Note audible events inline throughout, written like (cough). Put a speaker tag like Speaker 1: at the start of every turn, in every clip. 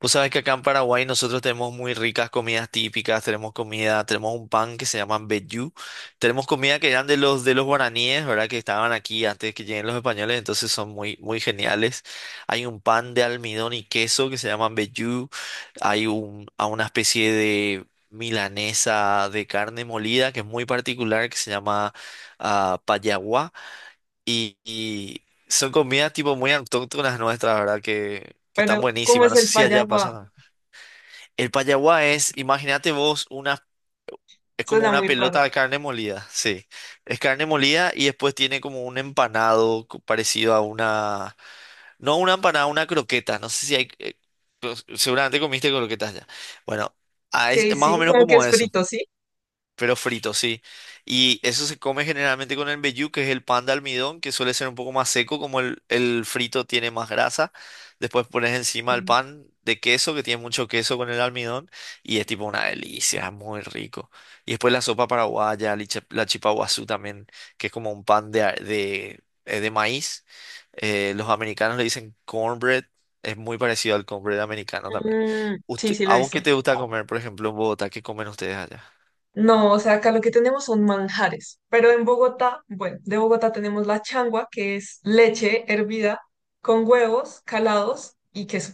Speaker 1: Vos sabés que acá en Paraguay nosotros tenemos muy ricas comidas típicas, tenemos comida, tenemos un pan que se llama mbejú, tenemos comida que eran de los guaraníes, ¿verdad? Que estaban aquí antes que lleguen los españoles, entonces son muy muy geniales. Hay un pan de almidón y queso que se llama mbejú, hay un a una especie de milanesa de carne molida que es muy particular que se llama payaguá y son comidas tipo muy autóctonas nuestras, ¿verdad? Que están
Speaker 2: Pero, ¿cómo
Speaker 1: buenísimas.
Speaker 2: es
Speaker 1: No sé
Speaker 2: el
Speaker 1: si allá
Speaker 2: payaguá?
Speaker 1: pasa. El payaguá es, imagínate vos, es como
Speaker 2: Suena
Speaker 1: una
Speaker 2: muy raro.
Speaker 1: pelota de carne molida, sí. Es carne molida y después tiene como un empanado parecido a una, no una empanada, una croqueta. No sé si hay, pues, seguramente comiste croquetas ya. Bueno,
Speaker 2: Ok,
Speaker 1: es más o
Speaker 2: sí,
Speaker 1: menos
Speaker 2: como que
Speaker 1: como
Speaker 2: es
Speaker 1: eso.
Speaker 2: frito, ¿sí?
Speaker 1: Pero frito, sí. Y eso se come generalmente con el mbejú, que es el pan de almidón, que suele ser un poco más seco, como el frito tiene más grasa. Después pones encima el
Speaker 2: Sí.
Speaker 1: pan de queso, que tiene mucho queso con el almidón, y es tipo una delicia, es muy rico. Y después la sopa paraguaya, la chipa guazú también, que es como un pan de maíz. Los americanos le dicen cornbread, es muy parecido al cornbread americano también.
Speaker 2: Mm, sí, sí, lo
Speaker 1: ¿A vos qué
Speaker 2: hizo.
Speaker 1: te gusta comer, por ejemplo, en Bogotá? ¿Qué comen ustedes allá?
Speaker 2: No, o sea, acá lo que tenemos son manjares, pero en Bogotá, bueno, de Bogotá tenemos la changua, que es leche hervida con huevos calados y queso.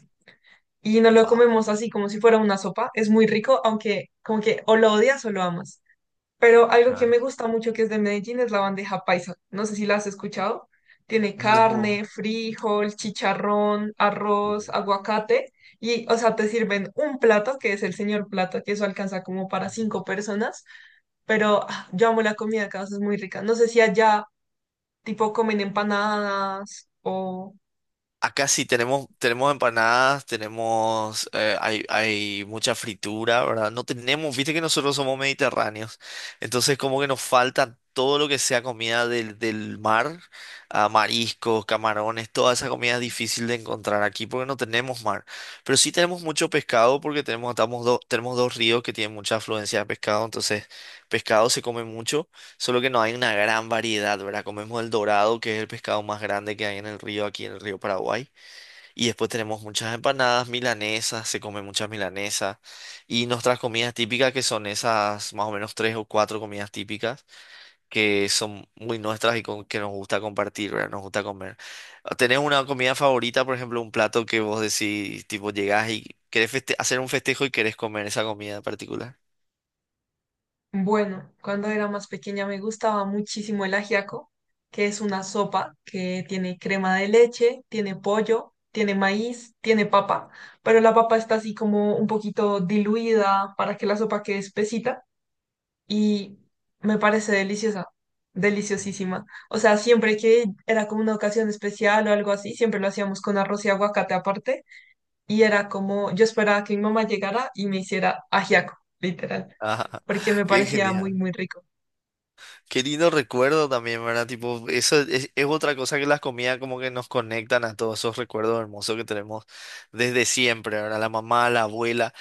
Speaker 2: Y nos lo
Speaker 1: Wow.
Speaker 2: comemos así como si fuera una sopa. Es muy rico, aunque como que o lo odias o lo amas. Pero algo que
Speaker 1: Claro.
Speaker 2: me gusta mucho que es de Medellín es la bandeja paisa. No sé si la has escuchado. Tiene
Speaker 1: No.
Speaker 2: carne, frijol, chicharrón, arroz,
Speaker 1: Mm.
Speaker 2: aguacate. Y, o sea, te sirven un plato, que es el señor plato, que eso alcanza como para cinco personas. Pero ah, yo amo la comida acá, o sea, es muy rica. No sé si allá, tipo, comen empanadas o...
Speaker 1: Acá sí tenemos, tenemos empanadas, tenemos, hay mucha fritura, ¿verdad? No tenemos, viste que nosotros somos mediterráneos, entonces como que nos falta todo lo que sea comida del mar, mariscos, camarones, toda esa comida es difícil de encontrar aquí porque no tenemos mar, pero sí tenemos mucho pescado porque tenemos, tenemos dos ríos que tienen mucha afluencia de pescado, entonces pescado se come mucho. Solo que no hay una gran variedad, ¿verdad? Comemos el dorado, que es el pescado más grande que hay en el río, aquí en el río Paraguay. Y después tenemos muchas empanadas milanesas, se come muchas milanesas. Y nuestras comidas típicas, que son esas más o menos tres o cuatro comidas típicas que son muy nuestras y que nos gusta compartir, ¿verdad? Nos gusta comer. ¿Tenés una comida favorita, por ejemplo, un plato que vos decís, tipo, llegás y querés hacer un festejo y querés comer esa comida en particular?
Speaker 2: Bueno, cuando era más pequeña me gustaba muchísimo el ajiaco, que es una sopa que tiene crema de leche, tiene pollo, tiene maíz, tiene papa, pero la papa está así como un poquito diluida para que la sopa quede espesita y me parece deliciosa, deliciosísima. O sea, siempre que era como una ocasión especial o algo así, siempre lo hacíamos con arroz y aguacate aparte y era como yo esperaba que mi mamá llegara y me hiciera ajiaco, literal,
Speaker 1: Ajá,
Speaker 2: porque me
Speaker 1: (laughs) qué
Speaker 2: parecía muy,
Speaker 1: genial.
Speaker 2: muy rico.
Speaker 1: Qué lindo recuerdo también, ¿verdad? Tipo, eso es otra cosa que las comidas como que nos conectan a todos esos recuerdos hermosos que tenemos desde siempre, ¿verdad? La mamá, la abuela.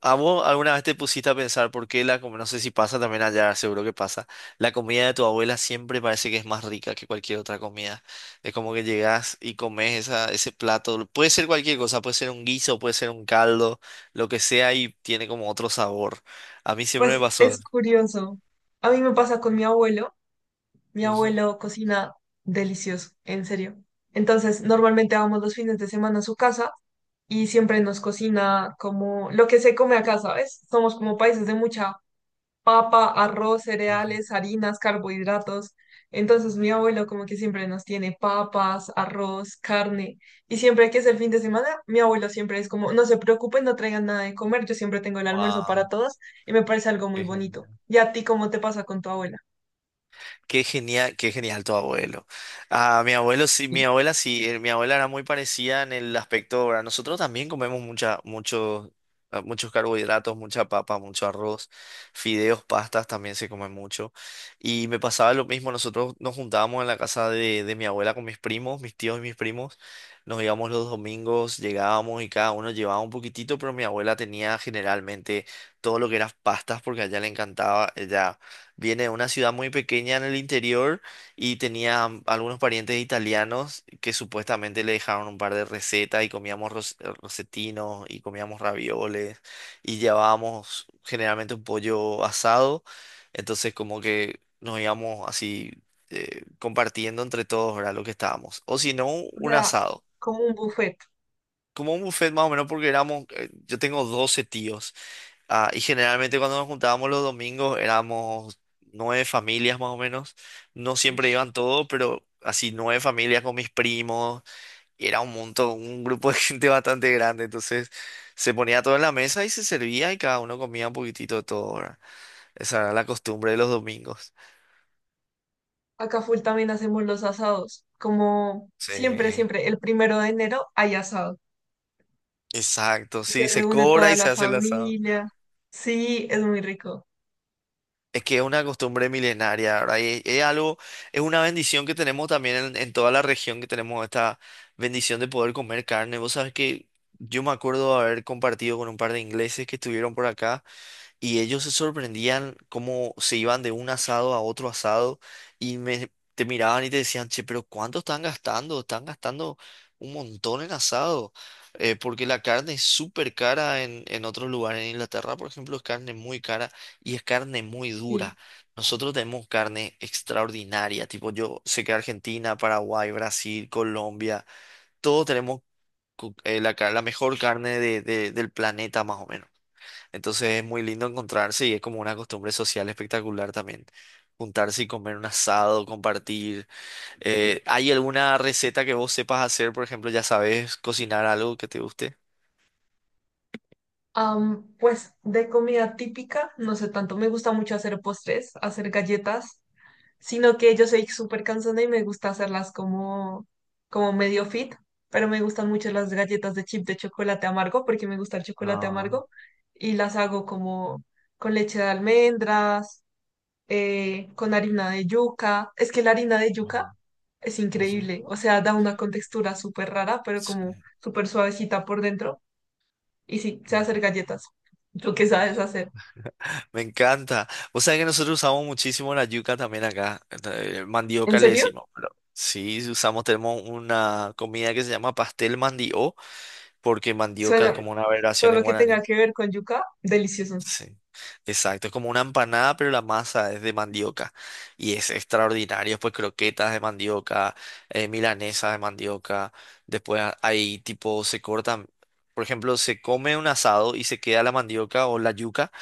Speaker 1: ¿A vos alguna vez te pusiste a pensar por qué la comida, no sé si pasa también allá, seguro que pasa, la comida de tu abuela siempre parece que es más rica que cualquier otra comida? Es como que llegás y comes esa, ese plato, puede ser cualquier cosa, puede ser un guiso, puede ser un caldo, lo que sea y tiene como otro sabor. A mí siempre me
Speaker 2: Pues
Speaker 1: pasó.
Speaker 2: es curioso. A mí me pasa con mi abuelo. Mi
Speaker 1: Ujú,
Speaker 2: abuelo cocina delicioso, en serio. Entonces, normalmente vamos los fines de semana a su casa y siempre nos cocina como lo que se come acá, ¿sabes? Somos como países de mucha papa, arroz,
Speaker 1: ujú.
Speaker 2: cereales, harinas, carbohidratos. Entonces mi abuelo como que siempre nos tiene papas, arroz, carne. Y siempre que es el fin de semana, mi abuelo siempre es como, no se preocupen, no traigan nada de comer, yo siempre tengo el almuerzo para
Speaker 1: Guau.
Speaker 2: todos y me parece algo muy
Speaker 1: Qué
Speaker 2: bonito.
Speaker 1: genial.
Speaker 2: ¿Y a ti cómo te pasa con tu abuela?
Speaker 1: Qué genial, qué genial tu abuelo. Ah, mi abuelo
Speaker 2: Sí.
Speaker 1: sí, mi abuela era muy parecida en el aspecto, ¿verdad? Nosotros también comemos mucha, muchos carbohidratos, mucha papa, mucho arroz, fideos, pastas también se come mucho. Y me pasaba lo mismo, nosotros nos juntábamos en la casa de mi abuela con mis primos, mis tíos y mis primos. Nos íbamos los domingos, llegábamos y cada uno llevaba un poquitito, pero mi abuela tenía generalmente todo lo que eran pastas porque a ella le encantaba, ella viene de una ciudad muy pequeña en el interior y tenía algunos parientes italianos que supuestamente le dejaron un par de recetas y comíamos rosetinos y comíamos ravioles y llevábamos generalmente un pollo asado. Entonces como que nos íbamos así compartiendo entre todos, ¿verdad? Lo que estábamos. O si no,
Speaker 2: O
Speaker 1: un
Speaker 2: sea,
Speaker 1: asado.
Speaker 2: como un buffet.
Speaker 1: Como un buffet más o menos porque éramos, yo tengo 12 tíos. Y generalmente cuando nos juntábamos los domingos éramos nueve familias más o menos. No siempre
Speaker 2: Ush.
Speaker 1: iban todos, pero así nueve familias con mis primos. Y era un montón, un grupo de (laughs) gente bastante grande. Entonces se ponía todo en la mesa y se servía y cada uno comía un poquitito de todo, ¿verdad? Esa era la costumbre de los domingos.
Speaker 2: Acá full también hacemos los asados. Como
Speaker 1: Sí,
Speaker 2: siempre, siempre, el primero de enero hay asado.
Speaker 1: exacto.
Speaker 2: Y se
Speaker 1: Sí, se
Speaker 2: reúne
Speaker 1: cobra
Speaker 2: toda
Speaker 1: y se
Speaker 2: la
Speaker 1: hace el asado.
Speaker 2: familia. Sí, es muy rico.
Speaker 1: Es que es una costumbre milenaria, ¿verdad? Y es algo, es una bendición que tenemos también en toda la región, que tenemos esta bendición de poder comer carne. Vos sabés que yo me acuerdo haber compartido con un par de ingleses que estuvieron por acá. Y ellos se sorprendían cómo se iban de un asado a otro asado y me, te miraban y te decían, che, pero ¿cuánto están gastando? Están gastando un montón en asado, porque la carne es súper cara en otros lugares. En Inglaterra, por ejemplo, es carne muy cara y es carne muy
Speaker 2: Sí.
Speaker 1: dura. Nosotros tenemos carne extraordinaria, tipo yo sé que Argentina, Paraguay, Brasil, Colombia, todos tenemos la mejor carne del planeta más o menos. Entonces es muy lindo encontrarse y es como una costumbre social espectacular también. Juntarse y comer un asado, compartir. ¿Hay alguna receta que vos sepas hacer? Por ejemplo, ya sabes cocinar algo que te guste.
Speaker 2: Am, pues de comida típica, no sé tanto, me gusta mucho hacer postres, hacer galletas, sino que yo soy súper cansona y me gusta hacerlas como, como medio fit, pero me gustan mucho las galletas de chip de chocolate amargo porque me gusta el chocolate
Speaker 1: Ah,
Speaker 2: amargo y las hago como con leche de almendras, con harina de yuca. Es que la harina de yuca
Speaker 1: wow.
Speaker 2: es
Speaker 1: Ujú.
Speaker 2: increíble, o sea, da una contextura súper rara, pero como
Speaker 1: Sí.
Speaker 2: súper suavecita por dentro. Y sí, sé
Speaker 1: Mm.
Speaker 2: hacer galletas. ¿Tú qué sabes hacer?
Speaker 1: Me encanta. Vos sabés que nosotros usamos muchísimo la yuca también acá.
Speaker 2: ¿En
Speaker 1: Mandioca le
Speaker 2: serio?
Speaker 1: decimos. Pero sí, sí usamos, tenemos una comida que se llama pastel mandio, porque mandioca es
Speaker 2: Suena
Speaker 1: como una
Speaker 2: todo
Speaker 1: aberración
Speaker 2: lo
Speaker 1: en
Speaker 2: que tenga
Speaker 1: guaraní.
Speaker 2: que ver con yuca, delicioso.
Speaker 1: Sí, exacto. Es como una empanada, pero la masa es de mandioca. Y es extraordinario. Pues croquetas de mandioca, milanesas de mandioca. Después hay tipo, se cortan, por ejemplo, se come un asado y se queda la mandioca o la yuca.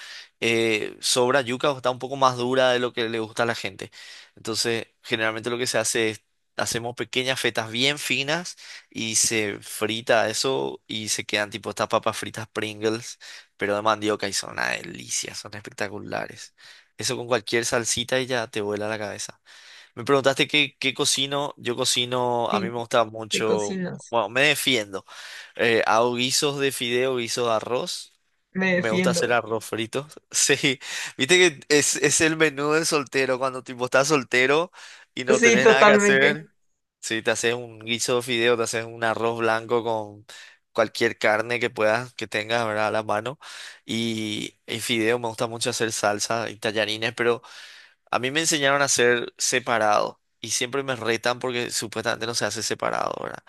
Speaker 1: Sobra yuca o está un poco más dura de lo que le gusta a la gente. Entonces, generalmente lo que se hace es, hacemos pequeñas fetas bien finas y se frita eso y se quedan tipo estas papas fritas Pringles pero de mandioca y son una delicia, son espectaculares. Eso con cualquier salsita y ya te vuela la cabeza. Me preguntaste qué cocino. Yo cocino, a mí
Speaker 2: Sí,
Speaker 1: me gusta
Speaker 2: ¿qué
Speaker 1: mucho,
Speaker 2: cocinas?
Speaker 1: bueno, me defiendo. Hago guisos de fideo, guisos de arroz.
Speaker 2: Me
Speaker 1: Me gusta hacer
Speaker 2: defiendo.
Speaker 1: arroz frito. (laughs) Sí, viste que es el menú del soltero, cuando tipo estás soltero y no
Speaker 2: Sí,
Speaker 1: tenés nada que
Speaker 2: totalmente.
Speaker 1: hacer. Sí, te haces un guiso de fideo, te haces un arroz blanco con cualquier carne que puedas, que tengas, ¿verdad? A la mano. Y fideo, me gusta mucho hacer salsa y tallarines, pero a mí me enseñaron a hacer separado y siempre me retan porque supuestamente no se hace separado, ¿verdad?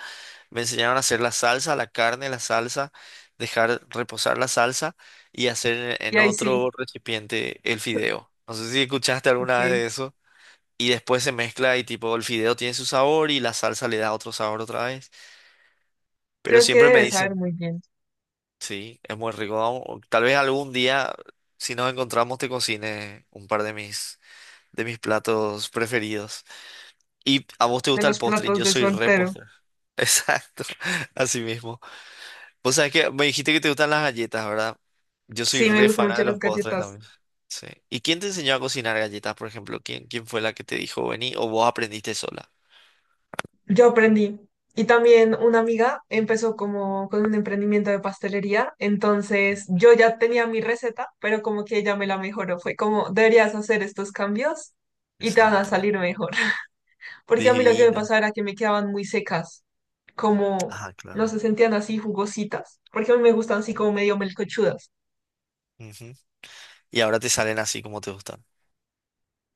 Speaker 1: Me enseñaron a hacer la salsa, la carne, la salsa, dejar reposar la salsa y hacer
Speaker 2: Y
Speaker 1: en
Speaker 2: ahí sí.
Speaker 1: otro recipiente el fideo. No sé si escuchaste
Speaker 2: Ok.
Speaker 1: alguna vez de eso. Y después se mezcla y tipo el fideo tiene su sabor y la salsa le da otro sabor otra vez. Pero
Speaker 2: Creo que
Speaker 1: siempre me
Speaker 2: debes saber
Speaker 1: dicen,
Speaker 2: muy bien
Speaker 1: sí, es muy rico. Vamos, o Tal vez algún día, si nos encontramos, te cocine un par de mis platos preferidos. Y a vos te
Speaker 2: de
Speaker 1: gusta el
Speaker 2: los
Speaker 1: postre,
Speaker 2: platos
Speaker 1: yo
Speaker 2: de
Speaker 1: soy re
Speaker 2: soltero.
Speaker 1: postre. (laughs) Exacto, así mismo. Vos sabés que me dijiste que te gustan las galletas, ¿verdad? Yo soy
Speaker 2: Sí, me
Speaker 1: re
Speaker 2: gustan
Speaker 1: fan
Speaker 2: mucho
Speaker 1: de los
Speaker 2: las
Speaker 1: postres
Speaker 2: galletas.
Speaker 1: también. Sí. ¿Y quién te enseñó a cocinar galletas, por ejemplo? ¿Quién fue la que te dijo vení o vos aprendiste sola?
Speaker 2: Yo aprendí. Y también una amiga empezó como con un emprendimiento de pastelería, entonces yo ya tenía mi receta, pero como que ella me la mejoró. Fue como, deberías hacer estos cambios y te van a
Speaker 1: Exacto.
Speaker 2: salir mejor. (laughs) Porque a mí lo que me
Speaker 1: Divino.
Speaker 2: pasaba era que me quedaban muy secas, como
Speaker 1: Ah,
Speaker 2: no
Speaker 1: claro.
Speaker 2: se sentían así jugositas, porque a mí me gustan así como medio melcochudas,
Speaker 1: Ujú. Y ahora te salen así como te gustan.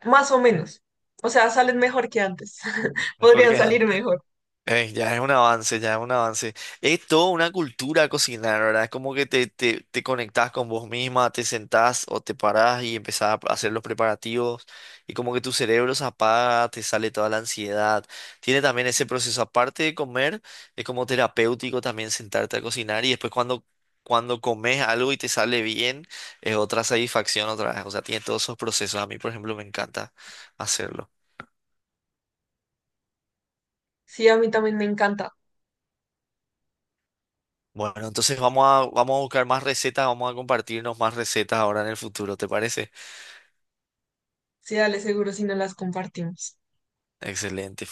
Speaker 2: más o menos. O sea, salen mejor que antes, (laughs)
Speaker 1: Mejor
Speaker 2: podrían
Speaker 1: que
Speaker 2: salir
Speaker 1: antes.
Speaker 2: mejor.
Speaker 1: Ya es un avance, ya es un avance. Es toda una cultura cocinar, ¿verdad? Es como que te conectás con vos misma, te sentás o te parás y empezás a hacer los preparativos y como que tu cerebro se apaga, te sale toda la ansiedad. Tiene también ese proceso, aparte de comer, es como terapéutico también sentarte a cocinar y después cuando comes algo y te sale bien, es otra satisfacción otra vez. O sea, tiene todos esos procesos. A mí, por ejemplo, me encanta hacerlo.
Speaker 2: Sí, a mí también me encanta.
Speaker 1: Bueno, entonces vamos a buscar más recetas, vamos a compartirnos más recetas ahora en el futuro, ¿te parece?
Speaker 2: Sí, dale seguro si no las compartimos.
Speaker 1: Excelente.